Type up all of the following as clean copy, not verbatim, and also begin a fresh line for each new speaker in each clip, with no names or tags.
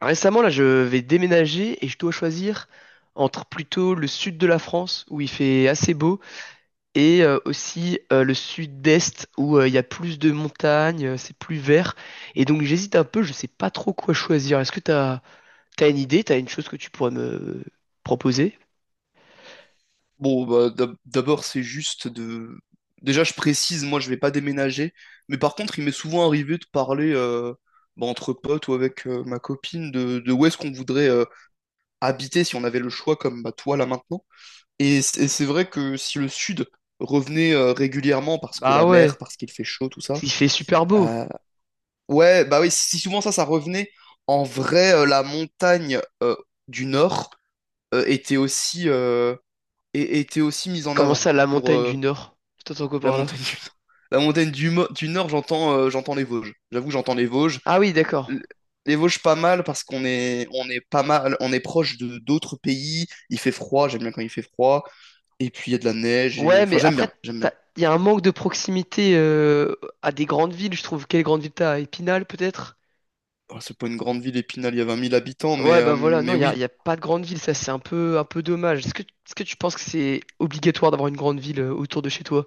Récemment, là, je vais déménager et je dois choisir entre plutôt le sud de la France, où il fait assez beau, et aussi le sud-est, où il y a plus de montagnes, c'est plus vert. Et donc j'hésite un peu, je sais pas trop quoi choisir. Est-ce que t'as une idée, t'as une chose que tu pourrais me proposer?
Bon, bah, d'abord, c'est juste de... Déjà, je précise, moi, je vais pas déménager. Mais par contre, il m'est souvent arrivé de parler bah, entre potes ou avec ma copine de où est-ce qu'on voudrait habiter si on avait le choix, comme bah, toi, là, maintenant. Et c'est vrai que si le sud revenait régulièrement, parce que
Bah
la mer,
ouais,
parce qu'il fait chaud, tout ça,
il fait super beau.
euh, ouais, bah oui, si souvent ça revenait, en vrai, la montagne du nord était aussi, était aussi mise en
Comment
avant
ça, la
pour,
montagne du Nord? Je t'entends quoi
la
par
montagne
là?
du Nord. La montagne du Nord, j'entends j'entends les Vosges. J'avoue que j'entends les Vosges.
Ah oui, d'accord.
L- Les Vosges, pas mal parce on est pas mal, on est proche de d'autres pays. Il fait froid, j'aime bien quand il fait froid. Et puis il y a de la neige. Et...
Ouais,
Enfin,
mais après,
j'aime bien.
t'as- il y a un manque de proximité à des grandes villes, je trouve. Quelle grande ville t'as? À Épinal, peut-être?
Oh, c'est pas une grande ville, Épinal, il y a 20 000 habitants,
Ouais, bah voilà, non,
mais
il y a,
oui.
il y a pas de grande ville, ça c'est un peu dommage. Est-ce que tu penses que c'est obligatoire d'avoir une grande ville autour de chez toi?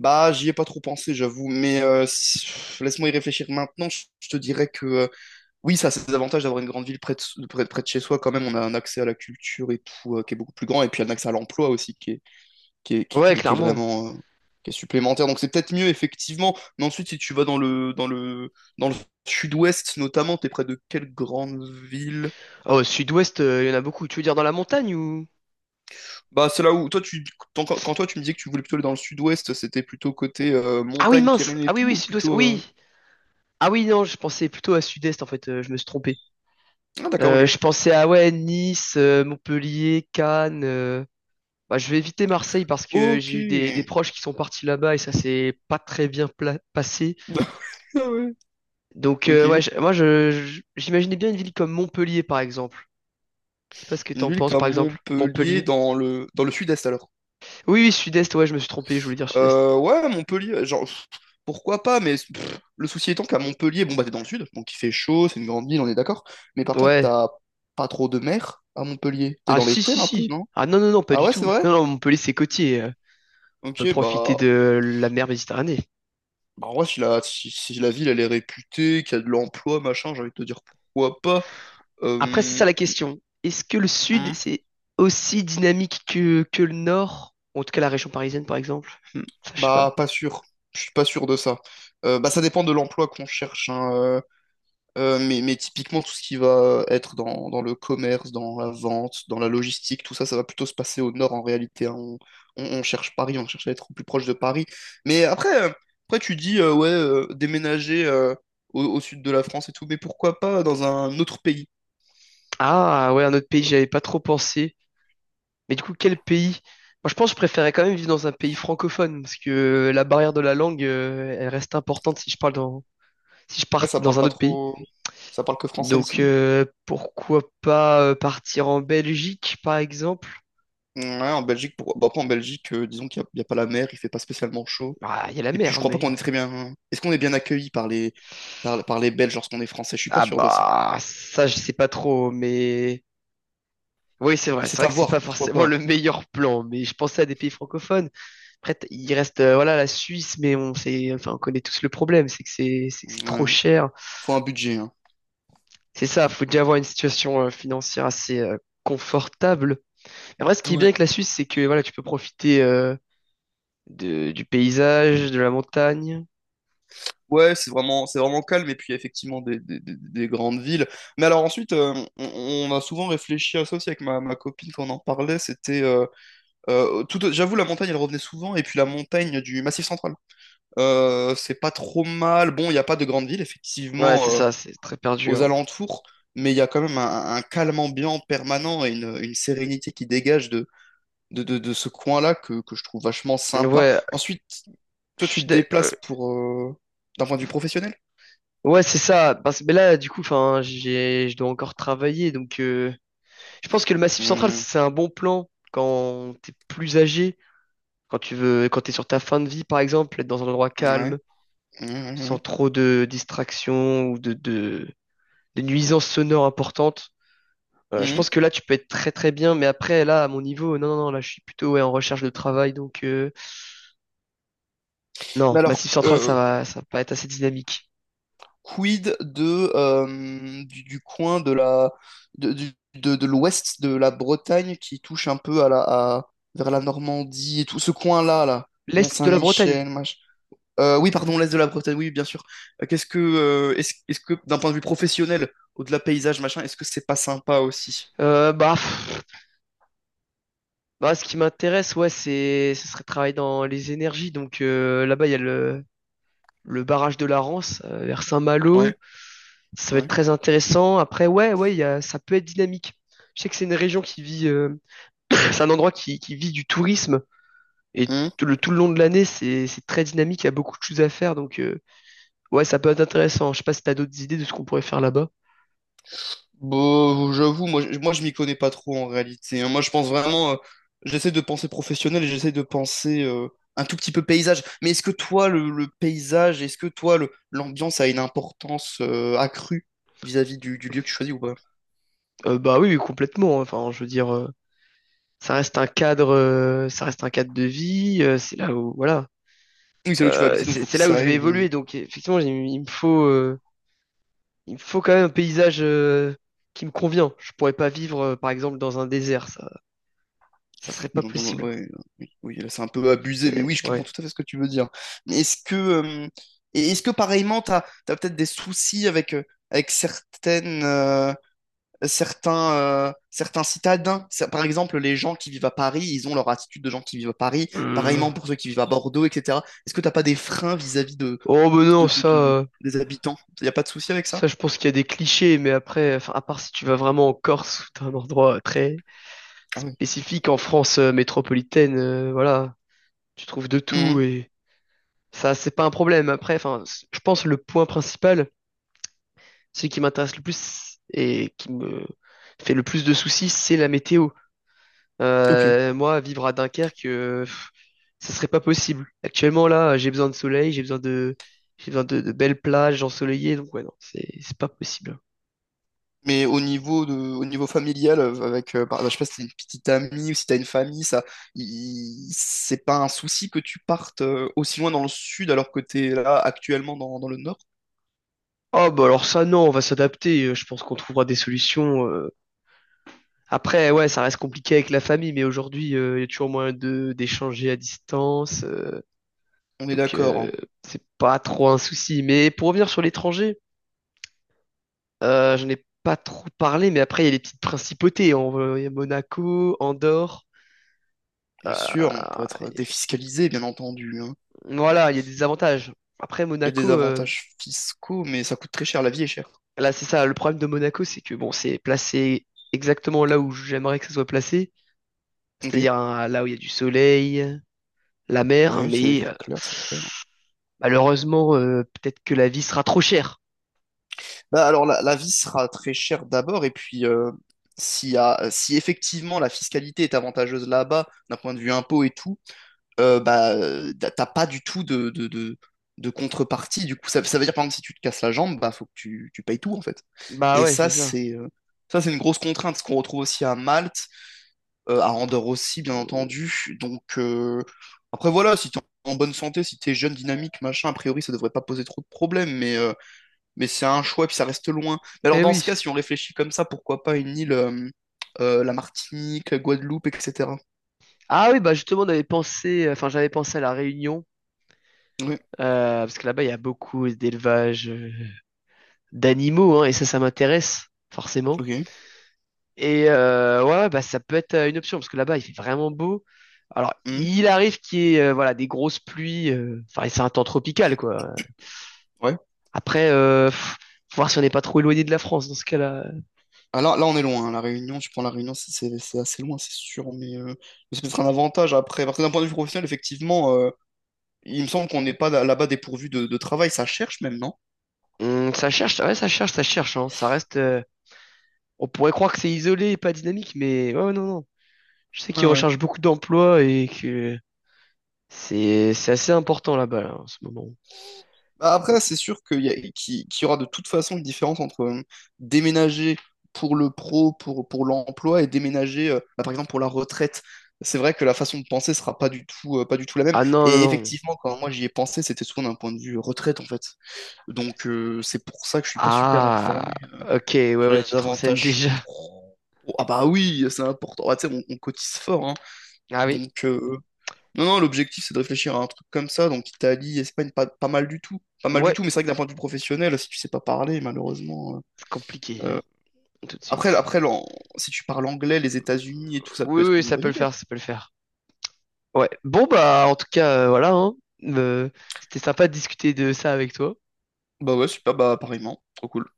Bah, j'y ai pas trop pensé, j'avoue. Mais laisse-moi y réfléchir maintenant. Je te dirais que oui, ça a ses avantages d'avoir une grande ville près de chez soi. Quand même, on a un accès à la culture et tout qui est beaucoup plus grand. Et puis un accès à l'emploi aussi
Ouais,
qui est
clairement.
vraiment qui est supplémentaire. Donc c'est peut-être mieux effectivement. Mais ensuite, si tu vas dans le sud-ouest notamment, t'es près de quelle grande ville?
Oh, sud-ouest, il y en a beaucoup. Tu veux dire dans la montagne ou...
Bah c'est là où toi tu me disais que tu voulais plutôt aller dans le sud-ouest, c'était plutôt côté
Ah oui,
montagne,
mince!
Pyrénées et
Ah oui,
tout,
oui,
ou
sud-ouest,
plutôt
oui! Ah oui, non, je pensais plutôt à sud-est, en fait, je me suis trompé.
ah d'accord,
Je
ok.
pensais à, ouais, Nice, Montpellier, Cannes... Bah, je vais éviter Marseille parce que
Ok.
j'ai eu des proches qui sont partis là-bas et ça s'est pas très bien passé.
Ah ouais.
Donc
Ok.
ouais, j'imaginais bien une ville comme Montpellier par exemple. Je sais pas ce que
Une
t'en
ville
penses
comme
par exemple.
Montpellier
Montpellier.
dans le sud-est alors.
Oui, oui, Sud-Est, ouais, je me suis trompé, je voulais dire Sud-Est.
Ouais, Montpellier, genre, pff, pourquoi pas, mais pff, le souci étant qu'à Montpellier, bon, bah, t'es dans le sud, donc il fait chaud, c'est une grande ville, on est d'accord. Mais par contre,
Ouais.
t'as pas trop de mer à Montpellier. T'es
Ah
dans les
si, si,
terres un peu,
si.
non?
Ah non, non, non, pas
Ah
du
ouais, c'est
tout.
vrai?
Non, non, Montpellier c'est côtier, euh. On
Ok,
peut profiter de la mer Méditerranée.
bah, en vrai, si la ville, elle est réputée, qu'il y a de l'emploi, machin, j'ai envie de te dire pourquoi pas.
Après, c'est
Euh,
ça la question. Est-ce que le sud,
hmm,
c'est aussi dynamique que le nord? En tout cas, la région parisienne, par exemple. Hmm, ça, je sais pas.
bah, pas sûr. Je suis pas sûr de ça. Bah, ça dépend de l'emploi qu'on cherche, hein. Mais typiquement, tout ce qui va être dans le commerce, dans la vente, dans la logistique, tout ça, ça va plutôt se passer au nord en réalité, hein. On cherche Paris, on cherche à être au plus proche de Paris. Mais après, après tu dis, ouais, déménager au, au sud de la France et tout, mais pourquoi pas dans un autre pays?
Ah, ouais, un autre pays, j'y avais pas trop pensé. Mais du coup, quel pays? Moi, je pense que je préférais quand même vivre dans un pays francophone parce que la barrière de la langue, elle reste importante si je
Ouais,
pars
ça
dans
parle
un
pas
autre pays.
trop, ça parle que français
Donc,
ici.
pourquoi pas partir en Belgique, par exemple?
Ouais, en Belgique, pour... bah, après, en Belgique, disons il y a pas la mer, il fait pas spécialement chaud.
Ah, il y a la
Et puis, je
mer,
crois pas qu'on est
mais
très bien, hein. Est-ce qu'on est bien accueilli par les Belges lorsqu'on est français? Je suis pas
ah
sûr de ça.
bah ça, je sais pas trop, mais oui, c'est
Mais
vrai. C'est
c'est
vrai
à
que c'est pas
voir, pourquoi
forcément
pas.
le meilleur plan, mais je pensais à des pays francophones. Après, t- il reste voilà la Suisse, mais on sait, enfin, on connaît tous le problème, c'est que c'est que c'est trop
Ouais.
cher.
Faut un budget, hein.
C'est ça, faut déjà avoir une situation financière assez confortable. Et en vrai, ce qui est bien
Ouais.
avec la Suisse, c'est que voilà, tu peux profiter du paysage, de la montagne.
Ouais, c'est vraiment calme, et puis il y a effectivement des grandes villes. Mais alors ensuite, on a souvent réfléchi à ça aussi avec ma copine quand on en parlait, c'était... j'avoue, la montagne, elle revenait souvent, et puis la montagne du Massif Central. C'est pas trop mal. Bon, il n'y a pas de grandes villes,
Ouais, c'est
effectivement,
ça, c'est très perdu,
aux
hein.
alentours, mais il y a quand même un calme ambiant permanent et une sérénité qui dégage de ce coin-là que je trouve vachement sympa.
Ouais,
Ensuite,
je
toi, tu
suis
te
d'ac-
déplaces pour d'un point de vue professionnel?
ouais, c'est ça. Parce que mais là, du coup, enfin, j'ai, je dois encore travailler, donc je pense que le Massif Central,
Hmm,
c'est un bon plan quand t'es plus âgé, quand tu veux, quand t'es sur ta fin de vie, par exemple, être dans un endroit
ouais.
calme, sans
Hmm,
trop de distractions ou de nuisances sonores importantes.
hmm,
Je pense
hmm.
que là, tu peux être très très bien, mais après, là, à mon niveau, non, non, non, là, je suis plutôt ouais, en recherche de travail, donc non,
Mais alors,
Massif Central, ça va pas être assez dynamique.
quid de du coin de la de, du- de l'ouest de la Bretagne qui touche un peu vers la Normandie et tout ce coin-là là,
L'Est de la Bretagne,
Mont-Saint-Michel, mach... oui, pardon, l'est de la Bretagne, oui, bien sûr. Est-ce que d'un point de vue professionnel, au-delà paysage machin, est-ce que c'est pas sympa aussi?
bah, pff, bah, ce qui m'intéresse, ouais, c'est, ce serait de travailler dans les énergies, donc là-bas, il y a le barrage de la Rance vers
Ouais,
Saint-Malo, ça va être
ouais.
très intéressant. Après, ouais, ouais, il y a, ça peut être dynamique. Je sais que c'est une région qui vit c'est un endroit qui vit du tourisme et tout le long de l'année, c'est très dynamique, il y a beaucoup de choses à faire, donc ouais, ça peut être intéressant. Je sais pas si t'as d'autres idées de ce qu'on pourrait faire là-bas.
Bon, j'avoue, moi je m'y connais pas trop en réalité, hein. Moi je pense vraiment, j'essaie de penser professionnel et j'essaie de penser un tout petit peu paysage. Mais est-ce que toi, le paysage, est-ce que toi, l'ambiance a une importance accrue vis-à-vis du lieu que tu choisis ou pas?
Bah oui, oui, complètement, hein. Enfin, je veux dire, ça reste un cadre, ça reste un cadre de vie, c'est là où, voilà,
Oui, c'est là où tu vas
euh,
habiter, donc
c'est
faut que
c'est là où
ça
je vais
aille, ouais.
évoluer. Donc effectivement, j'ai- il me faut quand même un paysage qui me convient. Je pourrais pas vivre, par exemple, dans un désert. Ça serait
Oui,
pas possible.
oui, oui, là c'est un peu abusé, mais oui,
C'est
je comprends
ouais.
tout à fait ce que tu veux dire. Mais est-ce que, et est-ce que pareillement, t'as peut-être des soucis avec, avec certains, certains citadins. Ça- Par exemple, les gens qui vivent à Paris, ils ont leur attitude de gens qui vivent à Paris.
Hmm.
Pareillement pour ceux qui vivent à Bordeaux, etc. Est-ce que t'as pas des freins vis-à-vis
Oh mais non,
de, de-
ça,
de- des habitants? Y a pas de souci avec ça?
ça je pense qu'il y a des clichés, mais après, enfin, à part si tu vas vraiment en Corse ou dans un endroit très
Ah oui.
spécifique en France métropolitaine, voilà, tu trouves de tout
Mhm.
et ça c'est pas un problème. Après, enfin, c- je pense le point principal, celui qui m'intéresse le plus et qui me fait le plus de soucis, c'est la météo.
Ok.
Moi, vivre à Dunkerque, pff, ce serait pas possible. Actuellement, là, j'ai besoin de soleil, j'ai besoin de belles plages ensoleillées, donc ouais, non, c'est pas possible.
Mais au niveau au niveau familial, je sais pas si t'as une petite amie ou si t'as une famille, c'est pas un souci que tu partes aussi loin dans le sud alors que t'es là actuellement dans le nord?
Oh, bah alors ça, non, on va s'adapter, je pense qu'on trouvera des solutions, euh. Après, ouais, ça reste compliqué avec la famille, mais aujourd'hui, il y a toujours moyen de, d'échanger à distance,
On est
donc,
d'accord, hein.
c'est pas trop un souci. Mais pour revenir sur l'étranger, j'en ai pas trop parlé, mais après, il y a les petites principautés. On, va- il y a Monaco, Andorre.
Bien sûr, on pourrait
Euh,
être
et-
défiscalisé, bien entendu.
voilà, il y a des avantages. Après,
Il y a des
Monaco,
avantages fiscaux, mais ça coûte très cher. La vie est chère.
là, c'est ça. Le problème de Monaco, c'est que bon, c'est placé exactement là où j'aimerais que ça soit placé,
Ok.
c'est-à-dire hein, là où il y a du soleil, la mer,
Ouais, c'est
mais
clair, c'est clair.
malheureusement, peut-être que la vie sera trop chère.
Bah, alors, la vie sera très chère d'abord, et puis, si effectivement la fiscalité est avantageuse là-bas, d'un point de vue impôt et tout, t'as pas du tout de contrepartie. Du coup, ça veut dire, par exemple, si tu te casses la jambe, bah, faut que tu payes tout, en fait.
Bah
Et
ouais, c'est ça.
ça, c'est une grosse contrainte, ce qu'on retrouve aussi à Malte, à Andorre aussi, bien
Euh,
entendu. Donc, après, voilà, si t'es en bonne santé, si t'es jeune, dynamique, machin, a priori, ça devrait pas poser trop de problèmes, mais c'est un choix, puis ça reste loin. Mais alors,
Eh
dans
oui.
ce cas, si on réfléchit comme ça, pourquoi pas une île, la Martinique, la Guadeloupe, etc.
Ah oui, bah justement, on avait pensé, enfin, j'avais pensé à la Réunion,
Oui,
parce que là-bas, il y a beaucoup d'élevage d'animaux, hein, et ça m'intéresse, forcément.
ok.
Et ouais, ouais, bah, ça peut être une option parce que là-bas, il fait vraiment beau. Alors,
Hmm,
il arrive qu'il y ait voilà, des grosses pluies, enfin, c'est un temps tropical, quoi.
ouais.
Après, pff, faut voir si on n'est pas trop éloigné de la France dans ce cas-là.
Ah, là, là, on est loin, hein. La Réunion, tu prends la Réunion, c'est assez loin, c'est sûr, mais c'est peut-être un avantage après. Parce que d'un point de vue professionnel, effectivement, il me semble qu'on n'est pas là-bas dépourvu de travail, ça cherche même, non?
Ça cherche, ouais, ça cherche, ça cherche, hein. Ça reste, on pourrait croire que c'est isolé et pas dynamique, mais ouais, ouais, non, non. Je sais qu'ils
Ouais,
recherchent beaucoup d'emplois et que c'est assez important là-bas là, en ce moment.
bah, après,
Donc-
c'est sûr qu'il y aura de toute façon une différence entre déménager pour le pro, pour l'emploi, et déménager, bah, par exemple, pour la retraite. C'est vrai que la façon de penser sera pas du tout, pas du tout la même.
ah non, non,
Et
non.
effectivement, quand moi j'y ai pensé, c'était souvent d'un point de vue retraite, en fait. Donc, c'est pour ça que je suis pas super
Ah,
informé
ok, ouais,
sur les
ouais, tu te renseignes
avantages
déjà.
pro. Ah bah oui, c'est important. Ah, tu sais, on cotise fort, hein.
Ah oui,
Donc, non, non, l'objectif, c'est de réfléchir à un truc comme ça. Donc, Italie, Espagne, pas mal du tout. Pas mal du
ouais,
tout, mais c'est vrai que d'un point de vue professionnel, si tu sais pas parler, malheureusement,
c'est compliqué, hein,
euh,
tout de
Après,
suite.
après l'an- si tu parles anglais, les États-Unis et tout, ça peut
Oui,
être
oui,
une
ça
bonne
peut le
idée.
faire, ça peut le faire. Ouais. Bon, bah, en tout cas, voilà, hein. Euh, c'était sympa de discuter de ça avec toi.
Bah ouais, super, bah pareillement. Trop cool.